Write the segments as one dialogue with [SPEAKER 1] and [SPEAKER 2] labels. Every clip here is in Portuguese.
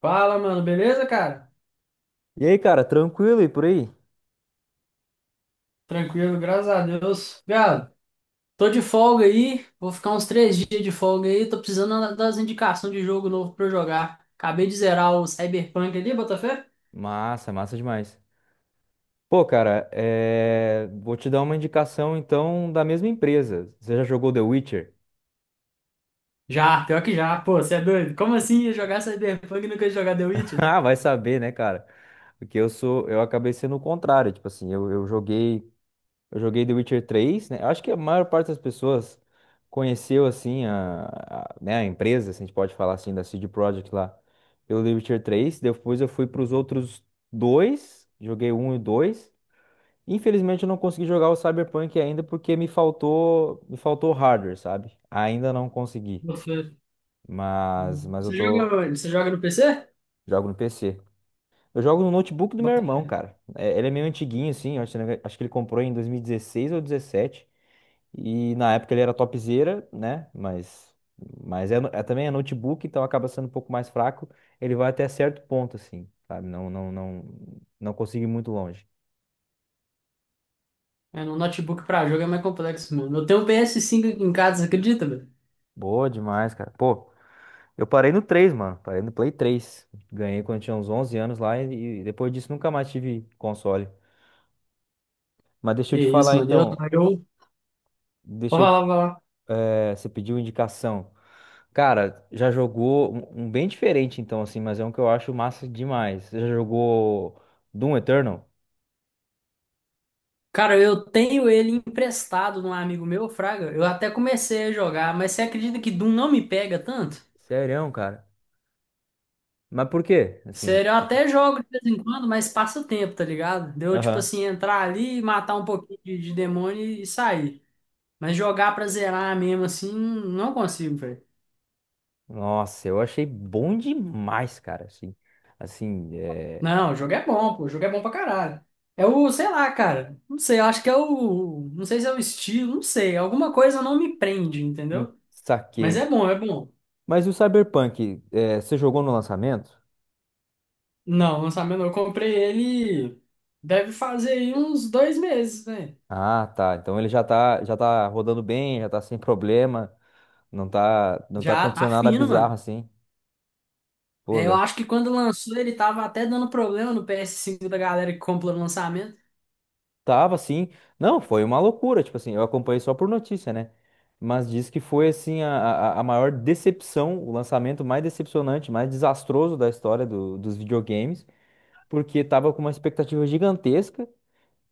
[SPEAKER 1] Fala, mano, beleza, cara?
[SPEAKER 2] E aí, cara, tranquilo e por aí?
[SPEAKER 1] Tranquilo, graças a Deus. Viado, tô de folga aí, vou ficar uns três dias de folga aí, tô precisando das indicações de jogo novo pra eu jogar. Acabei de zerar o Cyberpunk ali, Botafé?
[SPEAKER 2] Massa, massa demais. Pô, cara, vou te dar uma indicação então da mesma empresa. Você já jogou The Witcher?
[SPEAKER 1] Já, pior que já. Pô, você é doido? Como assim ia jogar Cyberpunk e nunca ia jogar The Witcher?
[SPEAKER 2] Ah, vai saber, né, cara? Porque eu acabei sendo o contrário, tipo assim, eu joguei, eu joguei The Witcher três, né? Acho que a maior parte das pessoas conheceu assim né, a empresa, se a gente pode falar assim da CD Projekt lá, pelo The Witcher 3. Depois eu fui para os outros dois, joguei um e o dois. Infelizmente eu não consegui jogar o Cyberpunk ainda porque me faltou hardware, sabe? Ainda não consegui,
[SPEAKER 1] Botafé.
[SPEAKER 2] mas eu
[SPEAKER 1] Você
[SPEAKER 2] tô
[SPEAKER 1] joga onde? Você joga no PC?
[SPEAKER 2] jogo no PC. Eu jogo no notebook do meu irmão,
[SPEAKER 1] Botafé.
[SPEAKER 2] cara. É, ele é meio antiguinho assim, eu acho que ele comprou em 2016 ou 17 e na época ele era topzera, né? Mas é, é também é notebook, então acaba sendo um pouco mais fraco. Ele vai até certo ponto assim, sabe? Não não consegui ir muito longe.
[SPEAKER 1] É, no notebook pra jogo é mais complexo, mano. Eu tenho um PS5 aqui em casa, você acredita, velho?
[SPEAKER 2] Boa demais, cara. Pô, eu parei no 3, mano. Parei no Play três. Ganhei quando eu tinha uns 11 anos lá e depois disso nunca mais tive console. Mas deixa
[SPEAKER 1] Que
[SPEAKER 2] eu te
[SPEAKER 1] isso,
[SPEAKER 2] falar
[SPEAKER 1] mano.
[SPEAKER 2] então.
[SPEAKER 1] Eu... Vou
[SPEAKER 2] Deixa eu te,
[SPEAKER 1] falar,
[SPEAKER 2] eh, Você pediu indicação. Cara, já jogou um bem diferente então, assim, mas é um que eu acho massa demais. Você já jogou Doom Eternal?
[SPEAKER 1] cara, eu tenho ele emprestado num amigo meu, Fraga. Eu até comecei a jogar, mas você acredita que Doom não me pega tanto?
[SPEAKER 2] Sério, cara? Mas por quê? Assim,
[SPEAKER 1] Sério, eu
[SPEAKER 2] tipo.
[SPEAKER 1] até jogo de vez em quando, mas passa o tempo, tá ligado? Deu, tipo
[SPEAKER 2] Aham.
[SPEAKER 1] assim, entrar ali, matar um pouquinho de demônio e sair. Mas jogar pra zerar mesmo, assim, não consigo, velho.
[SPEAKER 2] Nossa, eu achei bom demais, cara. Assim.
[SPEAKER 1] Não, o jogo é bom, pô. O jogo é bom pra caralho. É o, sei lá, cara. Não sei, eu acho que é o. Não sei se é o estilo, não sei. Alguma coisa não me prende, entendeu? Mas é
[SPEAKER 2] Saquei.
[SPEAKER 1] bom, é bom.
[SPEAKER 2] Mas e o Cyberpunk, você jogou no lançamento?
[SPEAKER 1] Não, lançamento não. Eu comprei ele. Deve fazer aí uns dois meses, velho.
[SPEAKER 2] Ah, tá. Então ele já tá rodando bem, já tá sem problema, não tá, não tá
[SPEAKER 1] Já tá
[SPEAKER 2] acontecendo nada
[SPEAKER 1] fino,
[SPEAKER 2] bizarro
[SPEAKER 1] mano.
[SPEAKER 2] assim. Pô,
[SPEAKER 1] Eu acho que quando lançou ele tava até dando problema no PS cinco da galera que compra no lançamento.
[SPEAKER 2] tava assim. Não, foi uma loucura, tipo assim, eu acompanhei só por notícia, né? Mas diz que foi assim a maior decepção, o lançamento mais decepcionante, mais desastroso da história dos videogames, porque tava com uma expectativa gigantesca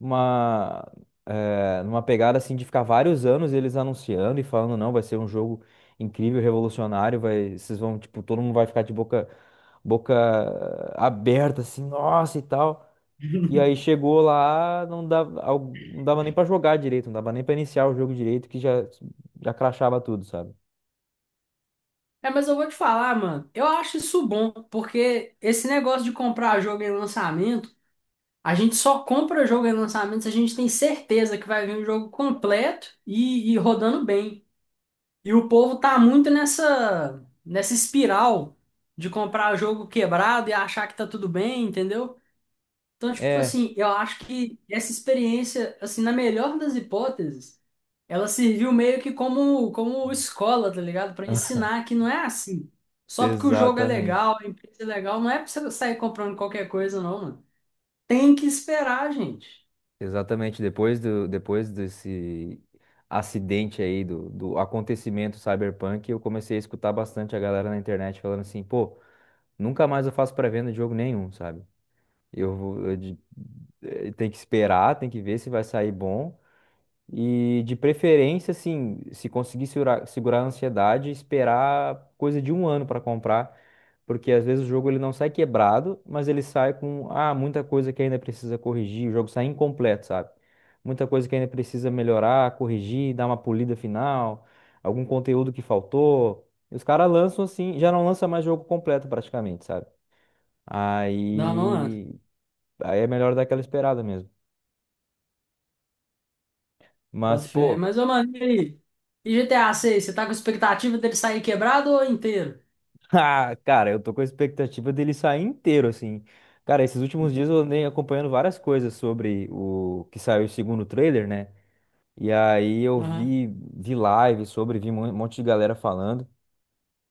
[SPEAKER 2] uma, numa pegada assim de ficar vários anos eles anunciando e falando, não, vai ser um jogo incrível, revolucionário, vai, vocês vão, tipo, todo mundo vai ficar de boca aberta, assim, nossa e tal. E aí chegou lá, não dava nem pra jogar direito, não dava nem pra iniciar o jogo direito, que já crachava tudo, sabe?
[SPEAKER 1] É, mas eu vou te falar, mano. Eu acho isso bom, porque esse negócio de comprar jogo em lançamento, a gente só compra jogo em lançamento se a gente tem certeza que vai vir um jogo completo e rodando bem. E o povo tá muito nessa espiral de comprar jogo quebrado e achar que tá tudo bem, entendeu? Então, tipo
[SPEAKER 2] É,
[SPEAKER 1] assim, eu acho que essa experiência, assim, na melhor das hipóteses, ela serviu meio que como escola, tá ligado? Pra ensinar que não é assim. Só porque o jogo é
[SPEAKER 2] exatamente.
[SPEAKER 1] legal, a empresa é legal, não é pra você sair comprando qualquer coisa, não, mano. Tem que esperar, gente.
[SPEAKER 2] Exatamente, depois desse acidente aí, do acontecimento Cyberpunk, eu comecei a escutar bastante a galera na internet falando assim, pô, nunca mais eu faço pré-venda de jogo nenhum, sabe? Eu, vou- eu de- eh, Tem que esperar, tem que ver se vai sair bom. E de preferência, assim, se conseguir segurar a ansiedade, esperar coisa de um ano para comprar porque às vezes o jogo ele não sai quebrado, mas ele sai com muita coisa que ainda precisa corrigir, o jogo sai incompleto, sabe? Muita coisa que ainda precisa melhorar, corrigir, dar uma polida final, algum conteúdo que faltou. E os caras lançam assim, já não lança mais jogo completo praticamente, sabe?
[SPEAKER 1] Não, não, mano.
[SPEAKER 2] Aí, aí, é melhor dar aquela esperada mesmo.
[SPEAKER 1] Bota
[SPEAKER 2] Mas,
[SPEAKER 1] fé.
[SPEAKER 2] pô,
[SPEAKER 1] Mas, ô, mano, e aí? E GTA 6, você tá com expectativa dele sair quebrado ou inteiro?
[SPEAKER 2] ah, cara, eu tô com a expectativa dele sair inteiro, assim. Cara, esses últimos dias eu andei acompanhando várias coisas sobre o que saiu o segundo trailer, né? E aí eu
[SPEAKER 1] Aham.
[SPEAKER 2] vi, vi live sobre, vi um monte de galera falando.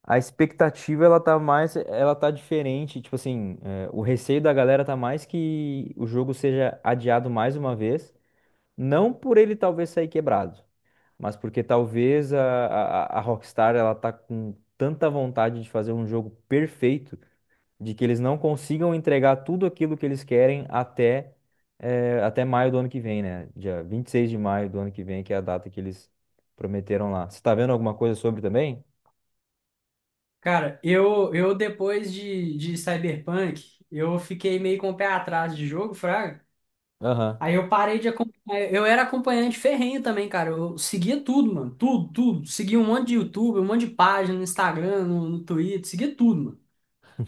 [SPEAKER 2] A expectativa, ela tá diferente, tipo assim, é, o receio da galera tá mais que o jogo seja adiado mais uma vez, não por ele talvez sair quebrado, mas porque talvez a Rockstar, ela tá com tanta vontade de fazer um jogo perfeito de que eles não consigam entregar tudo aquilo que eles querem até maio do ano que vem, né? Dia 26 de maio do ano que vem, que é a data que eles prometeram lá. Você tá vendo alguma coisa sobre também?
[SPEAKER 1] Cara, eu depois de Cyberpunk, eu fiquei meio com o pé atrás de jogo, Fraga.
[SPEAKER 2] Aham.
[SPEAKER 1] Aí eu parei de acompanhar. Eu era acompanhante ferrenho também, cara. Eu seguia tudo, mano. Tudo, tudo. Seguia um monte de YouTube, um monte de página no Instagram, no Twitter, seguia tudo, mano.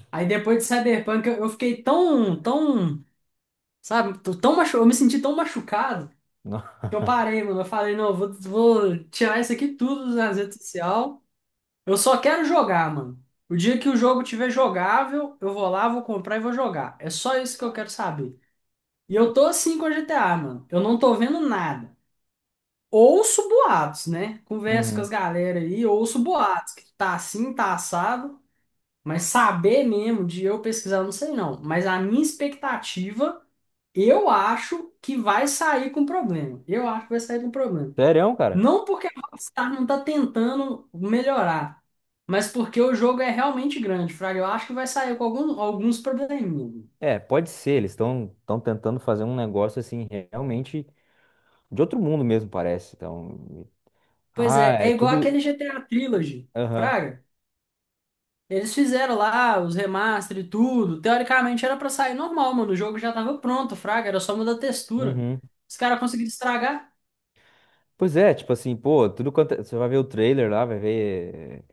[SPEAKER 1] Aí depois de Cyberpunk, eu fiquei tão, sabe, eu me senti tão machucado
[SPEAKER 2] Não.
[SPEAKER 1] que eu parei, mano. Eu falei, não, eu vou tirar isso aqui tudo das redes sociais. Eu só quero jogar, mano. O dia que o jogo tiver jogável, eu vou lá, vou comprar e vou jogar. É só isso que eu quero saber. E eu tô assim com a GTA, mano. Eu não tô vendo nada. Ouço boatos, né? Converso com as
[SPEAKER 2] Uhum.
[SPEAKER 1] galera aí, ouço boatos que tá assim, tá assado. Mas saber mesmo de eu pesquisar, eu não sei não. Mas a minha expectativa, eu acho que vai sair com problema. Eu acho que vai sair com problema.
[SPEAKER 2] Sério, cara?
[SPEAKER 1] Não porque a Rockstar não tá tentando melhorar, mas porque o jogo é realmente grande, Fraga. Eu acho que vai sair com alguns probleminhas.
[SPEAKER 2] É, pode ser. Eles estão tentando fazer um negócio assim, realmente de outro mundo mesmo, parece. Então,
[SPEAKER 1] Pois é,
[SPEAKER 2] é
[SPEAKER 1] igual
[SPEAKER 2] tudo.
[SPEAKER 1] aquele GTA Trilogy,
[SPEAKER 2] Aham.
[SPEAKER 1] Fraga. Eles fizeram lá os remaster e tudo. Teoricamente era pra sair normal, mano. O jogo já tava pronto, Fraga. Era só mudar a textura.
[SPEAKER 2] Uhum.
[SPEAKER 1] Os caras conseguiram estragar.
[SPEAKER 2] Pois é, tipo assim, pô, você vai ver o trailer lá, vai ver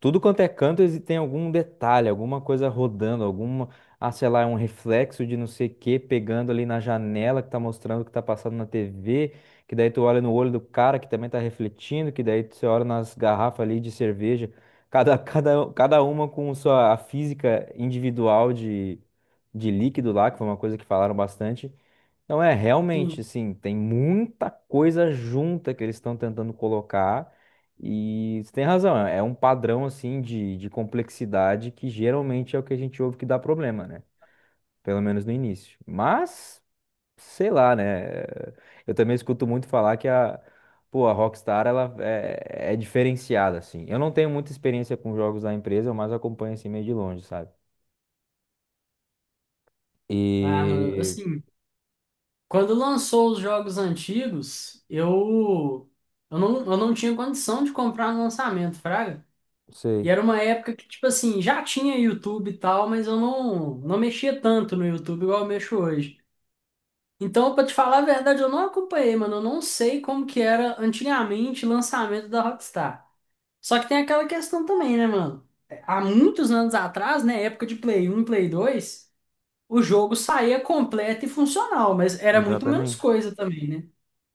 [SPEAKER 2] tudo quanto é canto, tem algum detalhe, alguma coisa rodando, sei lá, é um reflexo de não sei o que pegando ali na janela que tá mostrando o que tá passando na TV, que daí tu olha no olho do cara que também tá refletindo, que daí você olha nas garrafas ali de cerveja, cada uma com sua a física individual de líquido lá, que foi uma coisa que falaram bastante. Então é realmente
[SPEAKER 1] Sim.
[SPEAKER 2] assim, tem muita coisa junta que eles estão tentando colocar e você tem razão, é um padrão assim de complexidade que geralmente é o que a gente ouve que dá problema, né? Pelo menos no início. Mas, sei lá, né? Eu também escuto muito falar que pô, a Rockstar ela é diferenciada assim. Eu não tenho muita experiência com jogos da empresa, eu mais acompanho assim meio de longe, sabe?
[SPEAKER 1] Ah, mano,
[SPEAKER 2] E
[SPEAKER 1] assim, quando lançou os jogos antigos, eu não tinha condição de comprar no lançamento, Fraga. E
[SPEAKER 2] sei,
[SPEAKER 1] era uma época que, tipo assim, já tinha YouTube e tal, mas eu não mexia tanto no YouTube igual eu mexo hoje. Então, pra te falar a verdade, eu não acompanhei, mano. Eu não sei como que era antigamente o lançamento da Rockstar. Só que tem aquela questão também, né, mano? Há muitos anos atrás, né, época de Play 1 Play 2, o jogo saía completo e funcional, mas era muito menos
[SPEAKER 2] exatamente.
[SPEAKER 1] coisa também, né?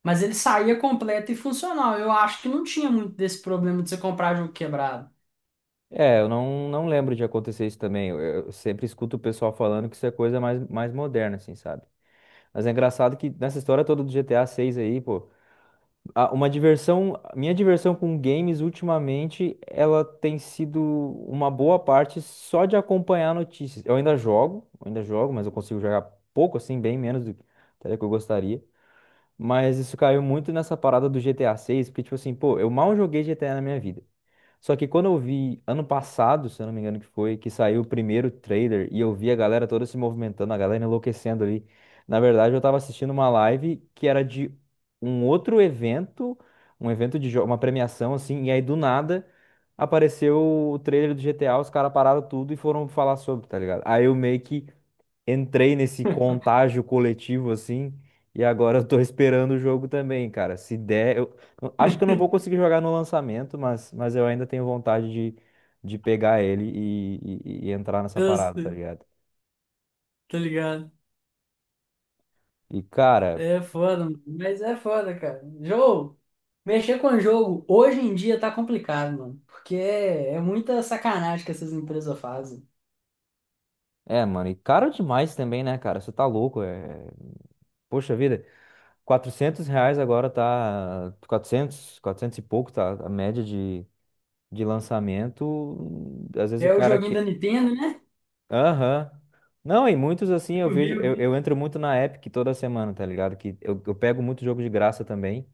[SPEAKER 1] Mas ele saía completo e funcional. Eu acho que não tinha muito desse problema de você comprar jogo quebrado.
[SPEAKER 2] É, eu não lembro de acontecer isso também. Eu sempre escuto o pessoal falando que isso é coisa mais moderna, assim, sabe? Mas é engraçado que nessa história toda do GTA 6 aí, pô, minha diversão com games ultimamente, ela tem sido uma boa parte só de acompanhar notícias. Eu ainda jogo, mas eu consigo jogar pouco, assim, bem menos do que até que eu gostaria. Mas isso caiu muito nessa parada do GTA 6, porque, tipo assim, pô, eu mal joguei GTA na minha vida. Só que quando eu vi ano passado, se eu não me engano que foi, que saiu o primeiro trailer e eu vi a galera toda se movimentando, a galera enlouquecendo ali. Na verdade, eu tava assistindo uma live que era de um outro evento, uma premiação assim, e aí do nada apareceu o trailer do GTA, os caras pararam tudo e foram falar sobre, tá ligado? Aí eu meio que entrei nesse contágio coletivo assim, e agora eu tô esperando o jogo também, cara. Se der, eu acho que eu não vou conseguir jogar no lançamento, mas eu ainda tenho vontade de pegar ele e entrar nessa
[SPEAKER 1] Eu
[SPEAKER 2] parada, tá
[SPEAKER 1] sei,
[SPEAKER 2] ligado?
[SPEAKER 1] tá ligado?
[SPEAKER 2] E cara,
[SPEAKER 1] É foda, mano, mas é foda, cara. Mexer com jogo hoje em dia tá complicado, mano. Porque é muita sacanagem que essas empresas fazem.
[SPEAKER 2] é, mano, e caro demais também, né, cara? Você tá louco, é. Poxa vida, 400 reais agora tá. Quatrocentos e pouco tá a média de lançamento. Às vezes o
[SPEAKER 1] É o
[SPEAKER 2] cara
[SPEAKER 1] joguinho da
[SPEAKER 2] que
[SPEAKER 1] Nintendo, né?
[SPEAKER 2] Aham. Não, e muitos assim eu
[SPEAKER 1] Eu vi,
[SPEAKER 2] vejo,
[SPEAKER 1] eu
[SPEAKER 2] eu,
[SPEAKER 1] vi.
[SPEAKER 2] eu entro muito na Epic toda semana, tá ligado? Que eu pego muito jogo de graça também.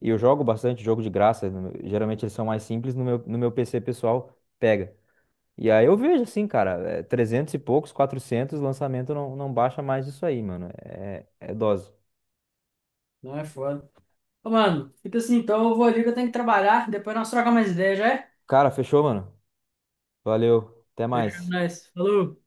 [SPEAKER 2] E eu jogo bastante jogo de graça. No meu- Geralmente eles são mais simples, no meu PC pessoal pega. E aí eu vejo assim, cara, é, 300 e poucos, 400 lançamento não baixa mais disso aí, mano. É, dose.
[SPEAKER 1] Não é foda. Ô, mano, fica assim, então eu vou ali que eu tenho que trabalhar. Depois nós trocamos mais ideia, já é?
[SPEAKER 2] Cara, fechou, mano? Valeu, até
[SPEAKER 1] Fechando
[SPEAKER 2] mais.
[SPEAKER 1] nós. Falou.